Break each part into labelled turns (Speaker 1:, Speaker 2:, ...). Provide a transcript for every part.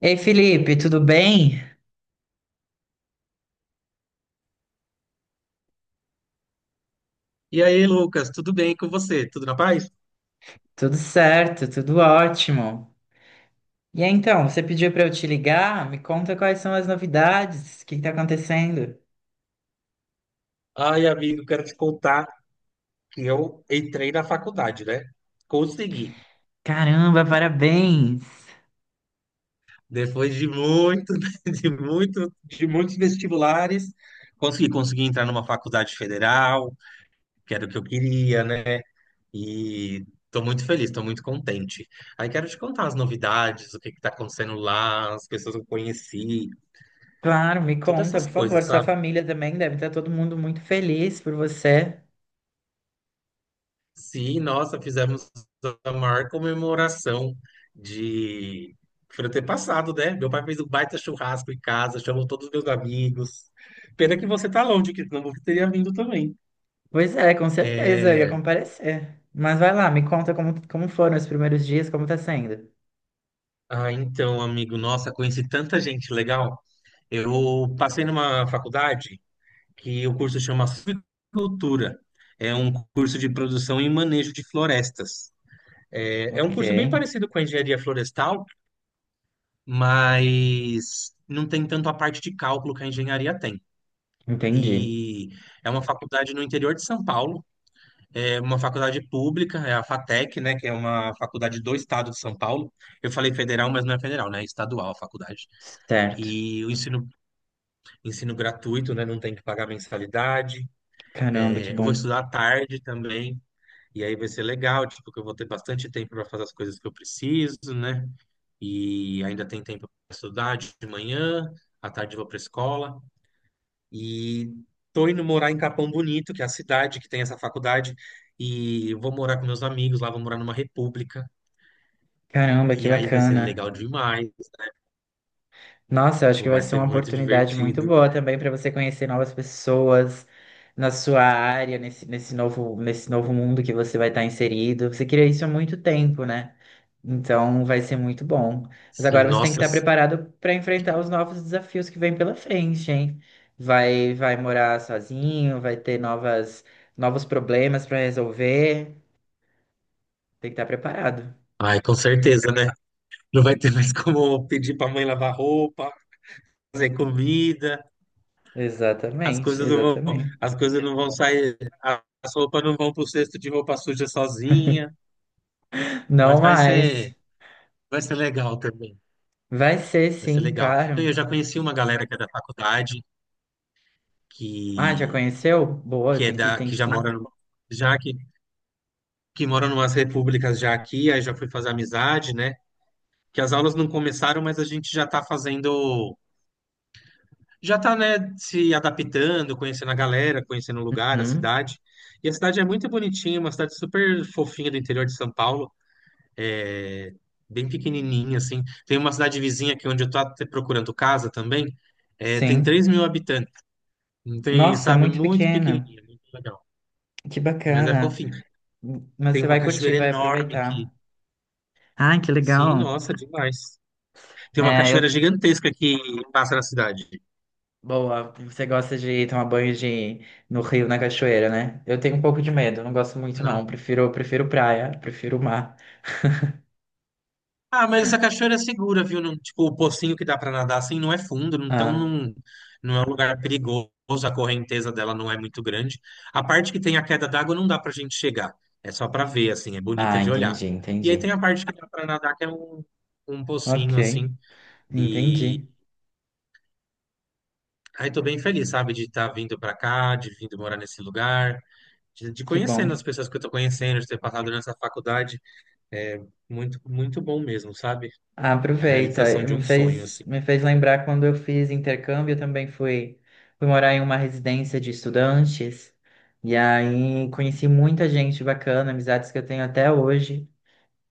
Speaker 1: Ei, Felipe, tudo bem?
Speaker 2: E aí, Lucas, tudo bem com você? Tudo na paz?
Speaker 1: Tudo certo, tudo ótimo. E aí, então, você pediu para eu te ligar? Me conta quais são as novidades, o que está acontecendo?
Speaker 2: Ai, amigo, quero te contar que eu entrei na faculdade, né? Consegui.
Speaker 1: Caramba, parabéns!
Speaker 2: Depois de muito, de muitos vestibulares, consegui entrar numa faculdade federal, que era o que eu queria, né? E tô muito feliz, tô muito contente. Aí quero te contar as novidades, o que que tá acontecendo lá, as pessoas que eu conheci,
Speaker 1: Claro, me
Speaker 2: todas
Speaker 1: conta,
Speaker 2: essas
Speaker 1: por
Speaker 2: coisas,
Speaker 1: favor. Sua
Speaker 2: sabe?
Speaker 1: família também deve estar todo mundo muito feliz por você.
Speaker 2: Sim, nossa, fizemos a maior comemoração de por eu ter passado, né? Meu pai fez um baita churrasco em casa, chamou todos os meus amigos. Pena que você tá longe, que senão você teria vindo também.
Speaker 1: Pois é, com certeza, eu ia
Speaker 2: É...
Speaker 1: comparecer. Mas vai lá, me conta como foram os primeiros dias, como tá sendo.
Speaker 2: Ah, então, amigo, nossa, conheci tanta gente legal. Eu passei numa faculdade que o curso chama Suicultura. É um curso de produção e manejo de florestas. É, é um
Speaker 1: Ok,
Speaker 2: curso bem parecido com a engenharia florestal, mas não tem tanto a parte de cálculo que a engenharia tem.
Speaker 1: entendi.
Speaker 2: E é uma faculdade no interior de São Paulo, é uma faculdade pública, é a FATEC, né, que é uma faculdade do estado de São Paulo. Eu falei federal, mas não é federal, né, é estadual a faculdade.
Speaker 1: Certo.
Speaker 2: E o ensino, ensino gratuito, né, não tem que pagar mensalidade.
Speaker 1: Caramba, que
Speaker 2: É, eu vou
Speaker 1: bom.
Speaker 2: estudar à tarde também. E aí vai ser legal, tipo, que eu vou ter bastante tempo para fazer as coisas que eu preciso, né? E ainda tem tempo para estudar de manhã, à tarde eu vou para escola. E tô indo morar em Capão Bonito, que é a cidade que tem essa faculdade, e eu vou morar com meus amigos lá, vou morar numa república,
Speaker 1: Caramba, que
Speaker 2: e aí vai ser
Speaker 1: bacana.
Speaker 2: legal demais,
Speaker 1: Nossa, eu acho que
Speaker 2: tipo,
Speaker 1: vai
Speaker 2: vai
Speaker 1: ser
Speaker 2: ser
Speaker 1: uma
Speaker 2: muito
Speaker 1: oportunidade muito
Speaker 2: divertido.
Speaker 1: boa também para você conhecer novas pessoas na sua área, nesse novo mundo que você vai estar inserido. Você queria isso há muito tempo, né? Então vai ser muito bom. Mas
Speaker 2: Sim,
Speaker 1: agora você tem que
Speaker 2: nossa,
Speaker 1: estar preparado para enfrentar os novos desafios que vêm pela frente, hein? Vai morar sozinho, vai ter novos problemas para resolver. Tem que estar preparado.
Speaker 2: ai, com certeza, né? Não vai ter mais como pedir pra mãe lavar roupa, fazer comida, as
Speaker 1: Exatamente,
Speaker 2: coisas não vão,
Speaker 1: exatamente.
Speaker 2: as coisas não vão sair, as roupas não vão pro cesto de roupa suja sozinha,
Speaker 1: Não
Speaker 2: mas vai
Speaker 1: mais.
Speaker 2: ser, vai ser legal também.
Speaker 1: Vai ser
Speaker 2: Vai ser
Speaker 1: sim,
Speaker 2: legal.
Speaker 1: claro.
Speaker 2: Eu já conheci uma galera que é da faculdade,
Speaker 1: Ah, já
Speaker 2: que,
Speaker 1: conheceu? Boa,
Speaker 2: que
Speaker 1: tem que, tem que.
Speaker 2: já que, que mora numas repúblicas já aqui, aí já fui fazer amizade, né? Que as aulas não começaram, mas a gente já tá fazendo, né, se adaptando, conhecendo a galera, conhecendo o lugar, a
Speaker 1: Uhum,
Speaker 2: cidade. E a cidade é muito bonitinha, uma cidade super fofinha do interior de São Paulo, é bem pequenininha, assim. Tem uma cidade vizinha aqui onde eu tô até procurando casa também, é, tem
Speaker 1: sim.
Speaker 2: 3.000 habitantes, não tem,
Speaker 1: Nossa, é
Speaker 2: sabe,
Speaker 1: muito
Speaker 2: muito
Speaker 1: pequena.
Speaker 2: pequenininha, muito legal,
Speaker 1: Que
Speaker 2: mas é
Speaker 1: bacana.
Speaker 2: fofinho.
Speaker 1: Mas
Speaker 2: Tem
Speaker 1: você
Speaker 2: uma
Speaker 1: vai curtir,
Speaker 2: cachoeira
Speaker 1: vai
Speaker 2: enorme aqui.
Speaker 1: aproveitar. Ah, que
Speaker 2: Sim,
Speaker 1: legal.
Speaker 2: nossa, demais. Tem uma
Speaker 1: É,
Speaker 2: cachoeira
Speaker 1: eu.
Speaker 2: gigantesca que passa na cidade.
Speaker 1: Boa, você gosta de tomar banho no rio, na cachoeira, né? Eu tenho um pouco de medo, não gosto muito,
Speaker 2: Não.
Speaker 1: não. Prefiro praia, prefiro mar.
Speaker 2: Ah, mas essa cachoeira é segura, viu? Tipo, o pocinho que dá pra nadar assim não é fundo, então
Speaker 1: Ah,
Speaker 2: não, não é um lugar perigoso, a correnteza dela não é muito grande. A parte que tem a queda d'água não dá pra gente chegar. É só pra ver, assim, é bonita
Speaker 1: ah,
Speaker 2: de olhar.
Speaker 1: entendi,
Speaker 2: E aí tem
Speaker 1: entendi.
Speaker 2: a parte que dá pra nadar, que é um, um
Speaker 1: Ok,
Speaker 2: pocinho, assim. E
Speaker 1: entendi.
Speaker 2: aí tô bem feliz, sabe, de estar vindo pra cá, de vindo morar nesse lugar. De
Speaker 1: Que
Speaker 2: conhecendo as
Speaker 1: bom.
Speaker 2: pessoas que eu tô conhecendo, de ter passado nessa faculdade, é muito, muito bom mesmo, sabe?
Speaker 1: Ah,
Speaker 2: É a realização
Speaker 1: aproveita.
Speaker 2: de
Speaker 1: Me
Speaker 2: um sonho,
Speaker 1: fez,
Speaker 2: assim.
Speaker 1: me fez lembrar quando eu fiz intercâmbio, eu também fui morar em uma residência de estudantes. E aí conheci muita gente bacana, amizades que eu tenho até hoje.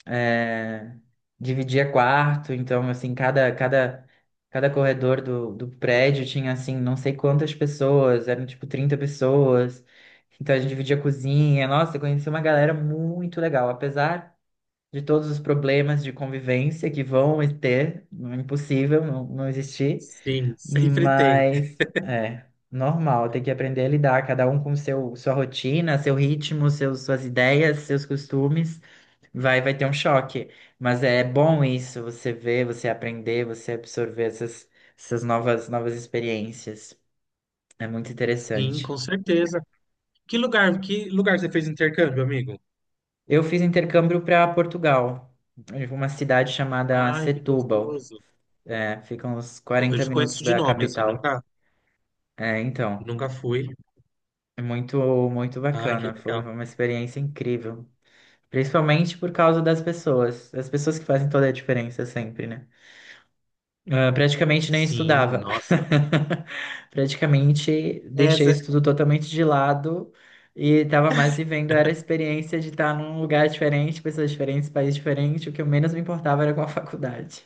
Speaker 1: É, dividia quarto, então assim, cada corredor do prédio tinha assim, não sei quantas pessoas, eram tipo 30 pessoas. Então a gente dividia cozinha. Nossa, eu conheci uma galera muito legal, apesar de todos os problemas de convivência que vão ter, não é impossível não, não existir,
Speaker 2: Sim, sempre tem.
Speaker 1: mas é normal, tem que aprender a lidar, cada um com sua rotina, seu ritmo, suas ideias, seus costumes, vai ter um choque, mas é bom isso, você ver, você aprender, você absorver novas experiências, é muito
Speaker 2: Sim, com
Speaker 1: interessante.
Speaker 2: certeza. Que lugar você fez intercâmbio, amigo?
Speaker 1: Eu fiz intercâmbio para Portugal, em uma cidade chamada
Speaker 2: Ai, que
Speaker 1: Setúbal.
Speaker 2: gostoso.
Speaker 1: É, fica uns
Speaker 2: Eu
Speaker 1: 40
Speaker 2: conheço
Speaker 1: minutos
Speaker 2: de
Speaker 1: da
Speaker 2: nome, assim,
Speaker 1: capital.
Speaker 2: nunca,
Speaker 1: É, então,
Speaker 2: nunca fui.
Speaker 1: é muito, muito
Speaker 2: Ai, que
Speaker 1: bacana. Foi
Speaker 2: legal.
Speaker 1: uma experiência incrível. Principalmente por causa das pessoas. As pessoas que fazem toda a diferença sempre, né? Ah, praticamente nem
Speaker 2: Sim,
Speaker 1: estudava.
Speaker 2: nossa.
Speaker 1: Praticamente deixei o
Speaker 2: Essa,
Speaker 1: estudo totalmente de lado e estava mais vivendo era a experiência de estar num lugar diferente, pessoas diferentes, país diferente. O que eu menos me importava era com a faculdade.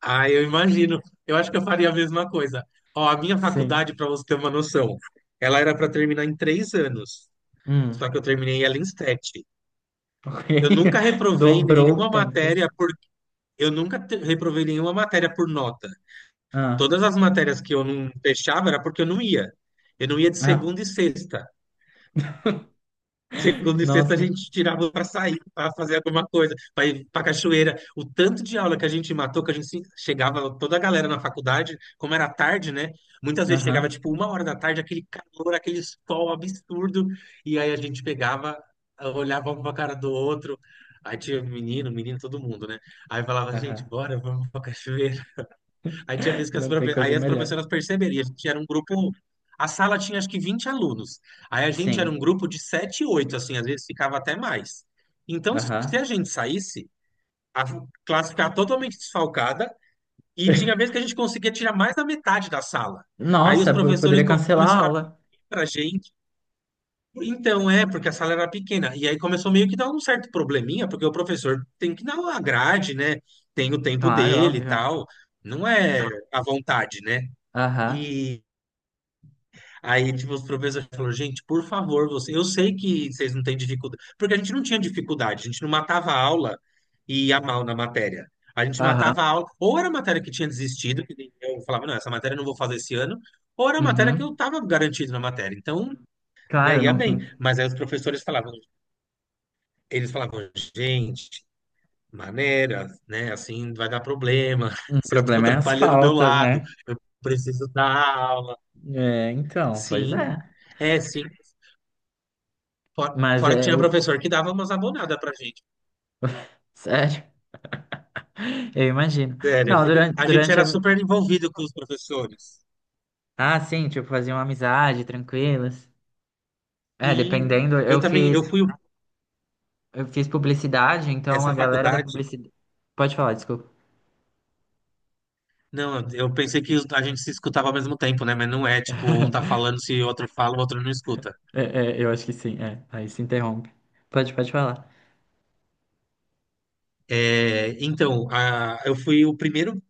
Speaker 2: ai, eu imagino. Eu acho que eu faria a mesma coisa. Ó, a minha
Speaker 1: Sim.
Speaker 2: faculdade, para você ter uma noção, ela era para terminar em 3 anos.
Speaker 1: Hum.
Speaker 2: Só que eu terminei ela em 7.
Speaker 1: Ok.
Speaker 2: Eu nunca reprovei
Speaker 1: Dobrou o
Speaker 2: nenhuma
Speaker 1: tempo.
Speaker 2: matéria por eu nunca te- reprovei nenhuma matéria por nota.
Speaker 1: Ah,
Speaker 2: Todas as matérias que eu não fechava era porque eu não ia. Eu não ia de
Speaker 1: ah,
Speaker 2: segunda e sexta. Segunda e sexta a
Speaker 1: nossa.
Speaker 2: gente tirava para sair, para fazer alguma coisa, para ir para cachoeira. O tanto de aula que a gente matou, que a gente chegava toda a galera na faculdade, como era tarde, né? Muitas vezes chegava
Speaker 1: Aham,
Speaker 2: tipo uma hora da tarde, aquele calor, aquele sol absurdo, e aí a gente pegava, olhava um para a cara do outro. Aí tinha menino, menino, todo mundo, né? Aí falava, gente,
Speaker 1: aham.
Speaker 2: bora, vamos para cachoeira. Aí tinha vezes que
Speaker 1: Não tem coisa
Speaker 2: as
Speaker 1: melhor.
Speaker 2: professoras perceberam, a gente era um grupo. A sala tinha acho que 20 alunos. Aí a gente era um
Speaker 1: Sim,
Speaker 2: grupo de 7, 8, assim, às vezes ficava até mais. Então, se a
Speaker 1: aham.
Speaker 2: gente saísse, a classe ficava totalmente desfalcada, e tinha vezes que a gente conseguia tirar mais da metade da sala. Aí
Speaker 1: Nossa,
Speaker 2: os
Speaker 1: eu
Speaker 2: professores
Speaker 1: poderia cancelar a
Speaker 2: começaram a vir
Speaker 1: aula.
Speaker 2: pra gente. Então, é, porque a sala era pequena. E aí começou meio que dar um certo probleminha, porque o professor tem que dar uma grade, né? Tem o tempo
Speaker 1: Claro,
Speaker 2: dele e
Speaker 1: óbvio.
Speaker 2: tal. Não é à vontade, né?
Speaker 1: Aham,
Speaker 2: E aí, tipo, os professores falaram, gente, por favor, você... eu sei que vocês não têm dificuldade, porque a gente não tinha dificuldade, a gente não matava a aula e ia mal na matéria. A gente
Speaker 1: aham,
Speaker 2: matava a aula, ou era a matéria que tinha desistido, que nem eu falava, não, essa matéria eu não vou fazer esse ano, ou era a matéria que eu
Speaker 1: uhum.
Speaker 2: estava garantido na matéria. Então, né,
Speaker 1: Claro,
Speaker 2: ia
Speaker 1: não.
Speaker 2: bem. Mas aí os professores falavam, eles falavam, gente, maneira, né, assim vai dar problema,
Speaker 1: O
Speaker 2: vocês estão
Speaker 1: problema é as
Speaker 2: atrapalhando o meu
Speaker 1: faltas,
Speaker 2: lado,
Speaker 1: né?
Speaker 2: eu preciso dar aula.
Speaker 1: É, então, pois
Speaker 2: Sim.
Speaker 1: é.
Speaker 2: É, sim, Fora,
Speaker 1: Mas
Speaker 2: fora que
Speaker 1: é
Speaker 2: tinha
Speaker 1: o.
Speaker 2: professor que dava umas abonadas pra gente.
Speaker 1: Sério, eu imagino.
Speaker 2: Sério,
Speaker 1: Não.
Speaker 2: porque a gente era super envolvido com os professores.
Speaker 1: Ah, sim, tipo, fazia uma amizade, tranquilas. É,
Speaker 2: Sim,
Speaker 1: dependendo,
Speaker 2: eu
Speaker 1: eu
Speaker 2: também,
Speaker 1: fiz, eu fiz publicidade, então
Speaker 2: essa
Speaker 1: a galera da
Speaker 2: faculdade.
Speaker 1: publicidade. Pode falar, desculpa.
Speaker 2: Não, eu pensei que a gente se escutava ao mesmo tempo, né? Mas não é, tipo, um tá falando, se o outro fala, o outro não escuta.
Speaker 1: Eu acho que sim, é. Aí se interrompe. Pode falar.
Speaker 2: É, então, eu fui o primeiro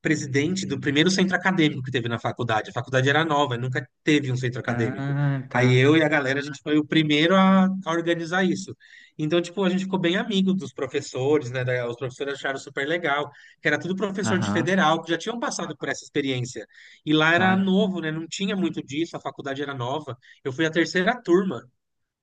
Speaker 2: presidente do primeiro centro acadêmico que teve na faculdade. A faculdade era nova, nunca teve um centro acadêmico.
Speaker 1: Ah, tá.
Speaker 2: Aí eu e a galera, a gente foi o primeiro a organizar isso. Então, tipo, a gente ficou bem amigo dos professores, né? Os professores acharam super legal, que era tudo professor de
Speaker 1: Aham,
Speaker 2: federal, que já tinham passado por essa experiência. E lá era
Speaker 1: claro.
Speaker 2: novo, né? Não tinha muito disso, a faculdade era nova. Eu fui a 3ª turma.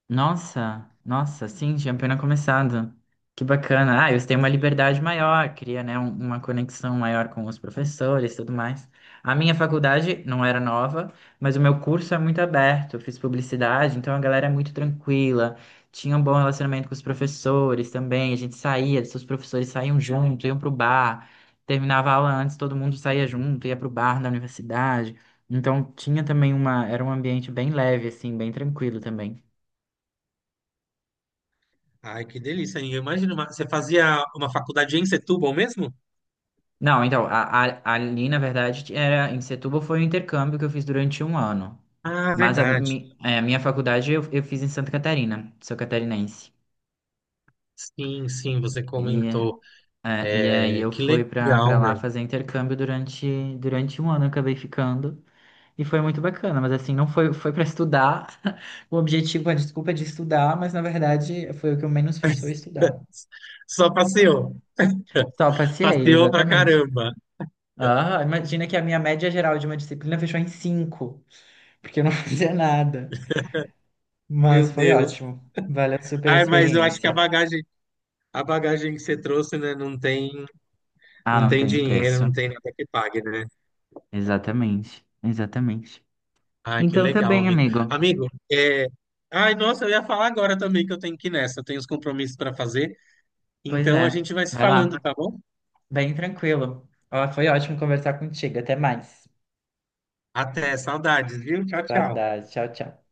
Speaker 1: Nossa, nossa, sim, tinha apenas começado. Que bacana. Ah, eles têm uma
Speaker 2: Sim.
Speaker 1: liberdade maior, cria, né, uma conexão maior com os professores e tudo mais. A minha faculdade não era nova, mas o meu curso é muito aberto. Eu fiz publicidade, então a galera é muito tranquila. Tinha um bom relacionamento com os professores também. A gente saía, os professores saíam junto, iam pro bar. Terminava a aula antes, todo mundo saía junto, ia pro bar da universidade. Então tinha também era um ambiente bem leve, assim, bem tranquilo também.
Speaker 2: Ai, que delícia, hein? Eu imagino, você fazia uma faculdade em Setúbal mesmo?
Speaker 1: Não, então, ali, na verdade, era em Setúbal foi um intercâmbio que eu fiz durante um ano.
Speaker 2: Ah,
Speaker 1: Mas
Speaker 2: verdade.
Speaker 1: a minha faculdade eu fiz em Santa Catarina, sou catarinense.
Speaker 2: Sim, sim, você
Speaker 1: E,
Speaker 2: comentou.
Speaker 1: e aí
Speaker 2: É,
Speaker 1: eu
Speaker 2: que
Speaker 1: fui pra,
Speaker 2: legal,
Speaker 1: pra lá
Speaker 2: meu.
Speaker 1: fazer intercâmbio durante um ano, eu acabei ficando. E foi muito bacana, mas assim, não foi, foi para estudar. O objetivo, a desculpa é de estudar, mas na verdade foi o que eu menos fiz, foi estudar.
Speaker 2: Só passeou.
Speaker 1: Só passei,
Speaker 2: Passeou pra
Speaker 1: exatamente.
Speaker 2: caramba.
Speaker 1: Ah, imagina que a minha média geral de uma disciplina fechou em cinco, porque eu não fazia nada. Mas
Speaker 2: Meu
Speaker 1: foi
Speaker 2: Deus.
Speaker 1: ótimo. Valeu super a
Speaker 2: Ai, mas eu acho que
Speaker 1: experiência.
Speaker 2: a bagagem que você trouxe, né, não tem,
Speaker 1: Ah,
Speaker 2: não
Speaker 1: não
Speaker 2: tem
Speaker 1: tem
Speaker 2: dinheiro, não
Speaker 1: preço.
Speaker 2: tem nada que pague, né?
Speaker 1: Exatamente, exatamente.
Speaker 2: Ai, que
Speaker 1: Então tá
Speaker 2: legal,
Speaker 1: bem,
Speaker 2: amigo.
Speaker 1: amigo.
Speaker 2: Amigo, é... Ai, nossa, eu ia falar agora também que eu tenho que ir nessa. Eu tenho os compromissos para fazer.
Speaker 1: Pois
Speaker 2: Então a
Speaker 1: é,
Speaker 2: gente vai se
Speaker 1: vai lá.
Speaker 2: falando, tá bom?
Speaker 1: Bem tranquilo. Ó, foi ótimo conversar contigo. Até mais.
Speaker 2: Até, saudades, viu? Tchau, tchau.
Speaker 1: Saudade. Tchau, tchau.